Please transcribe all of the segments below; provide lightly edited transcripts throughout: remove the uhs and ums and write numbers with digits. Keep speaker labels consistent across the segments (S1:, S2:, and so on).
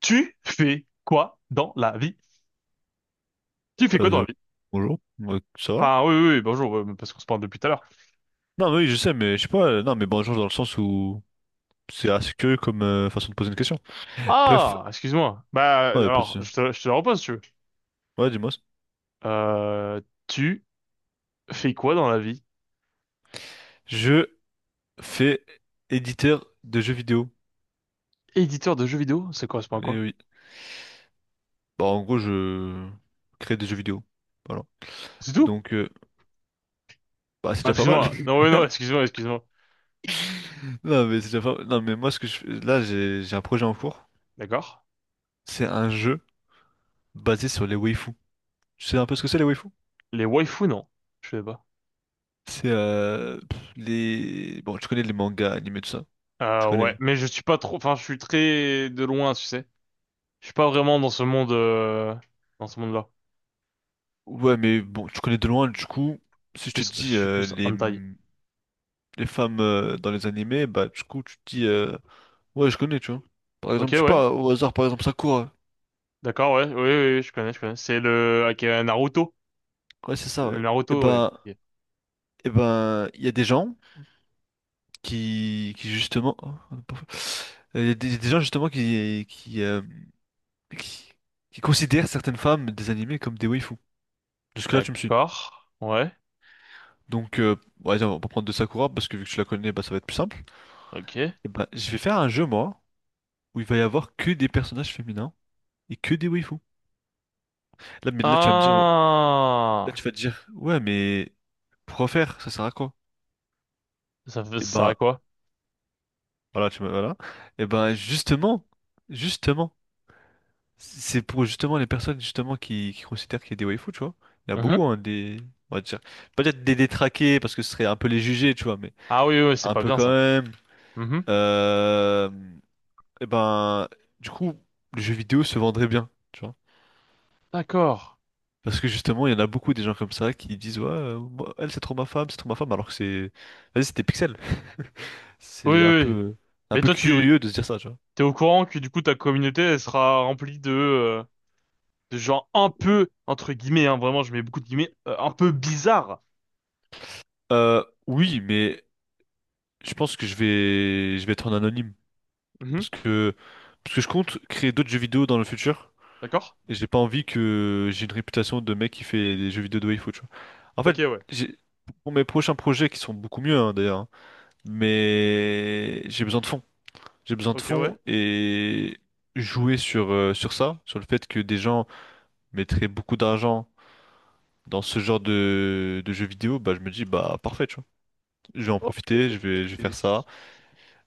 S1: Tu fais quoi dans la vie? Tu fais quoi dans
S2: Euh,
S1: la vie?
S2: bonjour, ouais, ça va?
S1: Enfin, oui, oui, oui, bonjour, parce qu'on se parle depuis tout à l'heure.
S2: Non, mais oui, je sais, mais je sais pas. Non, mais bonjour dans le sens où c'est assez curieux comme façon de poser une question. Bref,
S1: Ah, excuse-moi. Bah,
S2: ouais, pas de
S1: alors,
S2: souci.
S1: je te la repose, si tu veux.
S2: Ouais, dis-moi.
S1: Euh, Tu fais quoi dans la vie?
S2: Je fais éditeur de jeux vidéo.
S1: Éditeur de jeux vidéo, ça correspond à
S2: Et
S1: quoi?
S2: oui. Bah, en gros, je crée des jeux vidéo. Voilà.
S1: C'est tout?
S2: Donc bah, c'est
S1: Ah,
S2: déjà pas mal.
S1: excuse-moi. Non, oui, non, excuse-moi, excuse-moi.
S2: Non, mais c'est déjà pas... Non, mais moi, ce que je fais... là, j'ai un projet en cours.
S1: D'accord.
S2: C'est un jeu basé sur les waifus. Tu sais un peu ce que c'est les waifus?
S1: Les waifus, non. Je sais pas.
S2: C'est les... Bon, tu connais les mangas, animés, tout ça. Tu connais.
S1: Ouais, mais je suis pas trop, enfin, je suis très de loin, tu sais. Je suis pas vraiment dans ce monde, dans ce monde-là.
S2: Ouais, mais bon, tu connais de loin, du coup,
S1: Je suis
S2: si je te
S1: plus, je
S2: dis
S1: suis plus hentai.
S2: les femmes dans les animés, bah du coup, tu te dis, ouais, je connais, tu vois. Par
S1: Ok,
S2: exemple, je sais
S1: ouais.
S2: pas, au hasard, par exemple, Sakura.
S1: D'accord, ouais, oui, oui, oui, je connais, je connais. C'est le avec Naruto.
S2: Ouais, c'est ça,
S1: Le
S2: ouais. Et
S1: Naruto, ouais.
S2: ben,
S1: Ok.
S2: et ben, il y a des gens qui justement, oh, on a pas fait. Il y a des gens justement qui, qui considèrent certaines femmes des animés comme des waifus. Jusque-là, tu me suis.
S1: D'accord, ouais,
S2: Donc ouais, on va prendre de Sakura, parce que vu que tu la connais, bah ça va être plus simple.
S1: ok.
S2: Et ben, je vais faire un jeu, moi, où il va y avoir que des personnages féminins et que des waifus. Mais là, tu vas me dire, là, tu
S1: Ah,
S2: vas te dire, ouais, mais pourquoi faire? Ça sert à quoi?
S1: ça fait
S2: Et
S1: ça à
S2: ben,
S1: quoi?
S2: voilà, tu me, voilà. Et ben, justement, c'est pour justement les personnes justement qui considèrent qu'il y a des waifus, tu vois. Il y en a
S1: Mhm.
S2: beaucoup, hein, des, on va dire, peut-être des détraqués parce que ce serait un peu les juger, tu vois, mais
S1: Ah oui, oui, oui, c'est
S2: un
S1: pas
S2: peu
S1: bien
S2: quand
S1: ça.
S2: même.
S1: Mhm.
S2: Euh, et ben du coup le jeu vidéo se vendrait bien, tu vois.
S1: D'accord.
S2: Parce que justement, il y en a beaucoup des gens comme ça qui disent, ouais, moi, elle, c'est trop ma femme, alors que c'est, vas-y, c'était Pixel.
S1: Oui,
S2: C'est
S1: oui, oui.
S2: un
S1: Mais
S2: peu
S1: toi, tu
S2: curieux de se dire ça, tu vois.
S1: t'es au courant que du coup ta communauté elle sera remplie de gens un peu entre guillemets, hein, vraiment, je mets beaucoup de guillemets, un peu bizarre.
S2: Oui, mais je pense que je vais être en anonyme parce que, parce que je compte créer d'autres jeux vidéo dans le futur
S1: D'accord?
S2: et j'ai pas envie que j'ai une réputation de mec qui fait des jeux vidéo de waifu, tu vois. En fait,
S1: Ok, ouais.
S2: j'ai, pour mes prochains projets qui sont beaucoup mieux, hein, d'ailleurs, hein, mais j'ai besoin de fonds. J'ai besoin de
S1: Ok, ouais.
S2: fonds et jouer sur, sur ça, sur le fait que des gens mettraient beaucoup d'argent dans ce genre de jeux vidéo, bah je me dis bah parfait, tu vois. Je vais en
S1: Ok.
S2: profiter, je vais faire ça,
S1: Et-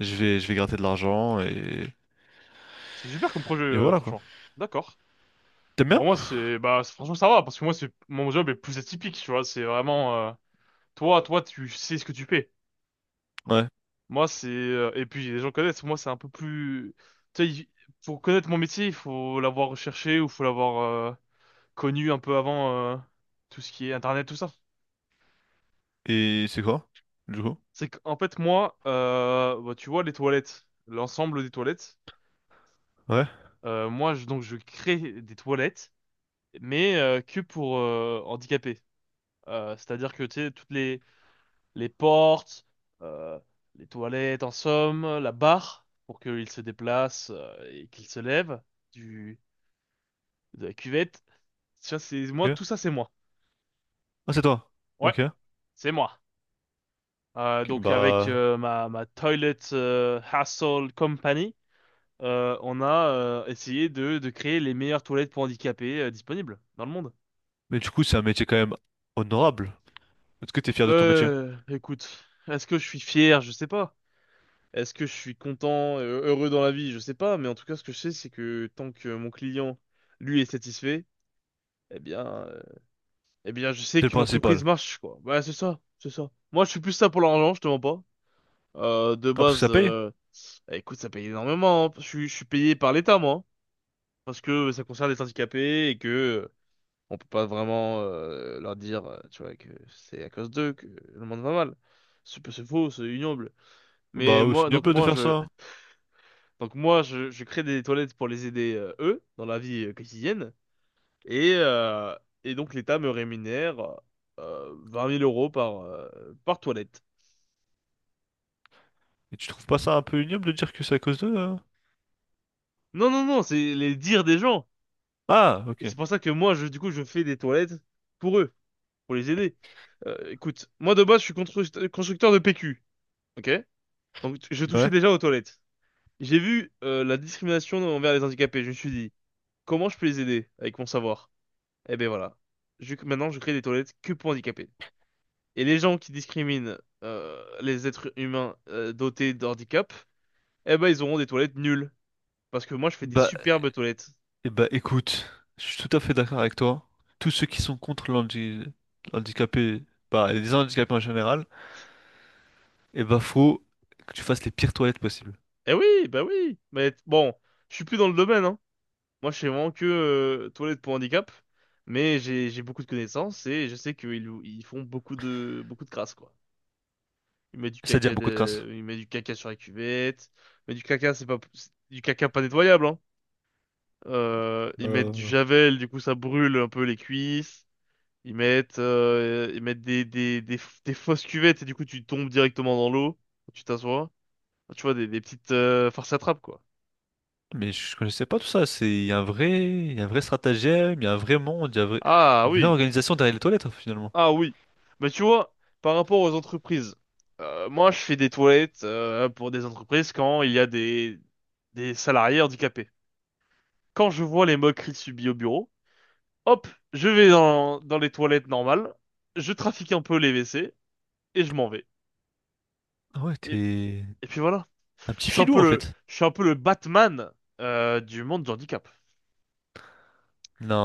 S2: je vais gratter de l'argent
S1: C'est super comme projet,
S2: et voilà quoi.
S1: franchement. D'accord.
S2: T'aimes
S1: Bon,
S2: bien?
S1: moi, c'est, bah, franchement, ça va, parce que moi, c'est, mon job est plus atypique, tu vois, c'est vraiment, toi, tu sais ce que tu fais.
S2: Ouais.
S1: Moi, c'est, et puis, les gens connaissent, moi, c'est un peu plus, tu sais, pour connaître mon métier, il faut l'avoir recherché ou faut l'avoir, euh, connu un peu avant, tout ce qui est Internet, tout ça.
S2: Et c'est quoi? Du coup?
S1: C'est qu'en fait, moi, bah, tu vois, les toilettes, l'ensemble des toilettes,
S2: Ouais.
S1: moi, je crée des toilettes, mais, que pour, handicapés. C'est-à-dire que, tu sais, toutes les portes, euh, les toilettes, en somme, la barre, pour qu'il se déplace et qu'il se lève du, de la cuvette. Ça, c'est moi,
S2: Ok.
S1: tout ça, c'est moi.
S2: Ah c'est toi.
S1: Ouais,
S2: Ok. Ok.
S1: c'est moi. Donc, avec
S2: Bah.
S1: ma Toilet Hassle Company, on a essayé de créer les meilleures toilettes pour handicapés disponibles dans le monde.
S2: Mais du coup c'est un métier quand même honorable. Est-ce que t'es fier de ton métier?
S1: Écoute, est-ce que je suis fier? Je sais pas. Est-ce que je suis content, heureux dans la vie? Je sais pas, mais en tout cas, ce que je sais, c'est que tant que mon client, lui, est satisfait, eh bien, je sais
S2: C'est le
S1: que l'entreprise
S2: principal.
S1: marche, quoi. Voilà, c'est ça, c'est ça. Moi, je suis plus ça pour l'argent, je te mens pas. De
S2: Ah parce que
S1: base,
S2: ça paye?
S1: écoute, ça paye énormément, hein. Je suis payé par l'État, moi, hein, parce que ça concerne les handicapés et que on peut pas vraiment leur dire, tu vois, que c'est à cause d'eux que le monde va mal. C'est faux, c'est ignoble. Mais
S2: Bah oui, c'est
S1: moi, donc
S2: ignoble de
S1: moi,
S2: faire
S1: je,
S2: ça.
S1: Donc moi, je crée des toilettes pour les aider, eux, dans la vie quotidienne. Et, euh, et donc l'État me rémunère 20 000 euros par toilette.
S2: Et tu trouves pas ça un peu ignoble de dire que c'est à cause d'eux, hein?
S1: Non, non, non, c'est les dires des gens.
S2: Ah,
S1: Et c'est
S2: ok.
S1: pour ça que moi, je fais des toilettes pour eux, pour les aider. Écoute, moi de base, je suis constructeur de PQ, ok? Donc je touchais
S2: Ouais.
S1: déjà aux toilettes. J'ai vu la discrimination envers les handicapés. Je me suis dit, comment je peux les aider avec mon savoir? Eh ben voilà. Maintenant, je crée des toilettes que pour handicapés. Et les gens qui discriminent les êtres humains dotés d'handicap, eh ben ils auront des toilettes nulles. Parce que moi je fais des
S2: Bah,
S1: superbes toilettes.
S2: eh bah écoute, je suis tout à fait d'accord avec toi. Tous ceux qui sont contre l'handi- L'handicapé, bah, les handicapés en général, eh bah faut que tu fasses les pires toilettes possibles.
S1: Eh oui, bah oui. Mais bon, je suis plus dans le domaine, hein. Moi je fais vraiment que toilettes pour handicap, mais j'ai beaucoup de connaissances et je sais qu'ils font beaucoup de crasse quoi.
S2: C'est-à-dire beaucoup de crasse.
S1: Ils mettent du caca sur la cuvette, mais du caca c'est pas c'est du caca pas nettoyable, hein. Ils mettent du
S2: Euh,
S1: javel, du coup ça brûle un peu les cuisses. Ils mettent des fausses cuvettes et du coup tu tombes directement dans l'eau, tu t'assois. Tu vois, des petites farces à trappe, quoi.
S2: Mais je connaissais pas tout ça. C'est, il y a un vrai, il y a un vrai stratagème, il y a un vrai monde, il y a un vrai-
S1: Ah
S2: une vraie
S1: oui,
S2: organisation derrière les toilettes, finalement.
S1: ah oui. Mais tu vois, par rapport aux entreprises, moi je fais des toilettes pour des entreprises quand il y a des salariés handicapés. Quand je vois les moqueries subies au bureau, hop, je vais dans les toilettes normales, je trafique un peu les WC et je m'en vais.
S2: Ah ouais,
S1: Et,
S2: t'es
S1: et puis voilà.
S2: un petit filou, en fait.
S1: Je suis un peu le Batman du monde du handicap.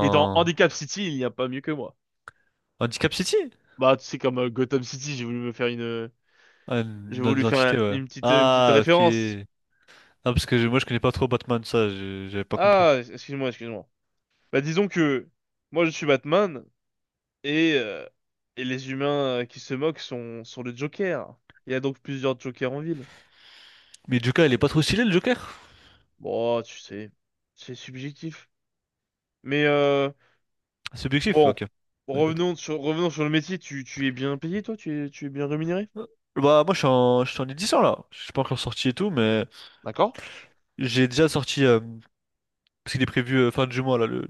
S1: Et dans Handicap City, il n'y a pas mieux que moi.
S2: Handicap City?
S1: Bah, c'est comme Gotham City,
S2: Ah,
S1: j'ai
S2: une
S1: voulu faire
S2: identité, ouais.
S1: une petite
S2: Ah, ok.
S1: référence.
S2: Non, parce que moi je connais pas trop Batman, ça, j'avais pas compris.
S1: Ah, excuse-moi, excuse-moi. Bah, disons que moi, je suis Batman et, euh, et les humains qui se moquent sont le Joker. Il y a donc plusieurs Jokers en ville.
S2: Mais Joker, il est pas trop stylé le Joker?
S1: Bon, tu sais, c'est subjectif. Mais
S2: Subjectif,
S1: bon,
S2: ok. Ouais, bâtard.
S1: revenons sur le métier. Tu es bien payé, toi? Tu es bien rémunéré?
S2: Euh, Bah, moi je suis en édition là. Je suis pas encore sorti et tout, mais
S1: D'accord.
S2: j'ai déjà sorti, parce qu'il est prévu fin du mois là,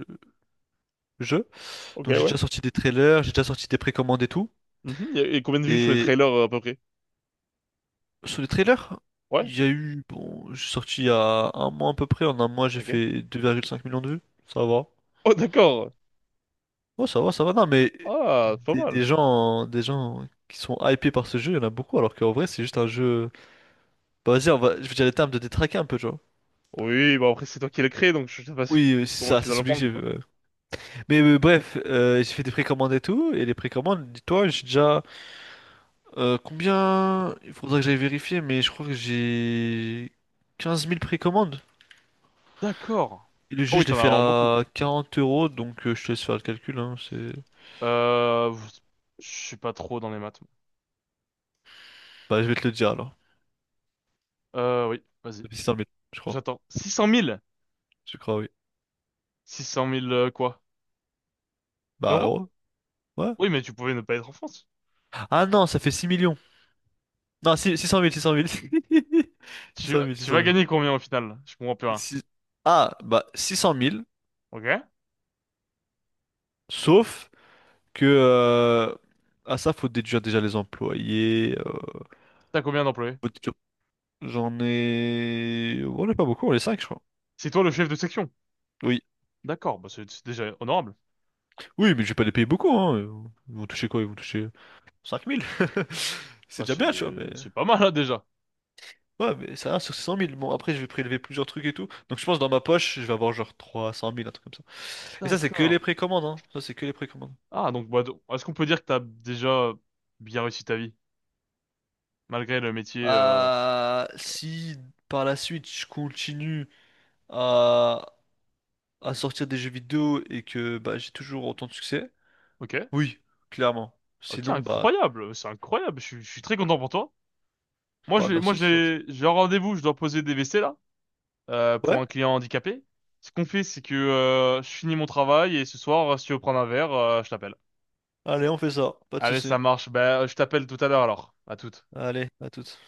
S2: le jeu.
S1: Ok,
S2: Donc j'ai
S1: ouais.
S2: déjà sorti des trailers, j'ai déjà sorti des précommandes et tout.
S1: Mhm. Il combien de vues sur les
S2: Et
S1: trailers à peu près?
S2: sur les trailers,
S1: Ouais?
S2: il y a eu, bon, j'ai sorti il y a un mois à peu près, en un mois j'ai
S1: Ok.
S2: fait 2,5 millions de vues, ça va.
S1: Oh, d'accord.
S2: Ouais, ça va, ça va. Non, mais
S1: Ah, c'est pas mal.
S2: des gens qui sont hypés par ce jeu, il y en a beaucoup, alors qu'en vrai, c'est juste un jeu. Bah, vas-y, on va... je vais dire les termes de détraquer un peu, tu vois.
S1: Oui, bah après c'est toi qui l'as créé, donc je sais pas
S2: Oui, c'est
S1: comment
S2: ça,
S1: tu
S2: c'est
S1: dois le prendre,
S2: subjectif,
S1: quoi.
S2: ouais. Mais bref, j'ai fait des précommandes et tout, et les précommandes, dis-toi, j'ai déjà, combien? Il faudra que j'aille vérifier, mais je crois que j'ai 15 000 précommandes.
S1: D'accord.
S2: Et le
S1: Oh
S2: jeu,
S1: oui,
S2: je
S1: t'en
S2: l'ai
S1: as
S2: fait
S1: vraiment beaucoup.
S2: à 40 euros, donc je te laisse faire le calcul, hein, c'est...
S1: Euh, je suis pas trop dans les maths.
S2: Bah, je vais te le dire alors.
S1: Oui, vas-y.
S2: Ça fait 600 000, je crois.
S1: J'attends. 600 000?
S2: Je crois, oui.
S1: 600 000 quoi?
S2: Bah,
S1: Euros?
S2: euros. Ouais.
S1: Oui, mais tu pouvais ne pas être en France.
S2: Ah non, ça fait 6 millions. Non, six- 600 000, six cent mille six
S1: Tu,
S2: cent
S1: vas-
S2: mille Six-
S1: tu
S2: cent
S1: vas
S2: mille.
S1: gagner combien au final? Je comprends plus rien.
S2: Si- Ah, bah, 600 000.
S1: Ok.
S2: Sauf que ah ça, faut déduire déjà les employés.
S1: T'as combien d'employés?
S2: Faut déduire- J'en ai... On n'est pas beaucoup, on est 5 je crois.
S1: C'est toi le chef de section.
S2: Oui.
S1: D'accord, bah c'est déjà honorable.
S2: Oui, mais je vais pas les payer beaucoup, hein. Ils vont toucher quoi? Ils vont toucher 5 000. C'est
S1: Bah
S2: déjà
S1: c'est
S2: bien, tu vois, mais...
S1: c'est pas mal là déjà.
S2: Ouais, mais ça va sur 600 000. Bon, après, je vais prélever plusieurs trucs et tout. Donc, je pense que dans ma poche, je vais avoir genre 300 000, un truc comme ça. Et ça, c'est que
S1: D'accord.
S2: les précommandes, hein. Ça, c'est que les précommandes.
S1: Ah, donc, bah, donc, est-ce qu'on peut dire que t'as déjà bien réussi ta vie, malgré le métier,
S2: Si par la suite, je continue à, à sortir des jeux vidéo et que bah, j'ai toujours autant de succès,
S1: Ok.
S2: oui, clairement.
S1: Ok,
S2: Sinon, bah,
S1: incroyable. C'est incroyable. Je suis très content pour toi. Moi,
S2: bah
S1: j'ai, moi,
S2: merci, c'est gentil.
S1: j'ai, j'ai un rendez-vous. Je dois poser des WC, là, pour
S2: Ouais,
S1: un client handicapé. Ce qu'on fait, c'est que, je finis mon travail et ce soir, si tu veux prendre un verre, je t'appelle.
S2: allez, on fait ça. Pas de
S1: Allez,
S2: soucis.
S1: ça marche. Bah, je t'appelle tout à l'heure, alors. À toute.
S2: Allez, à toutes.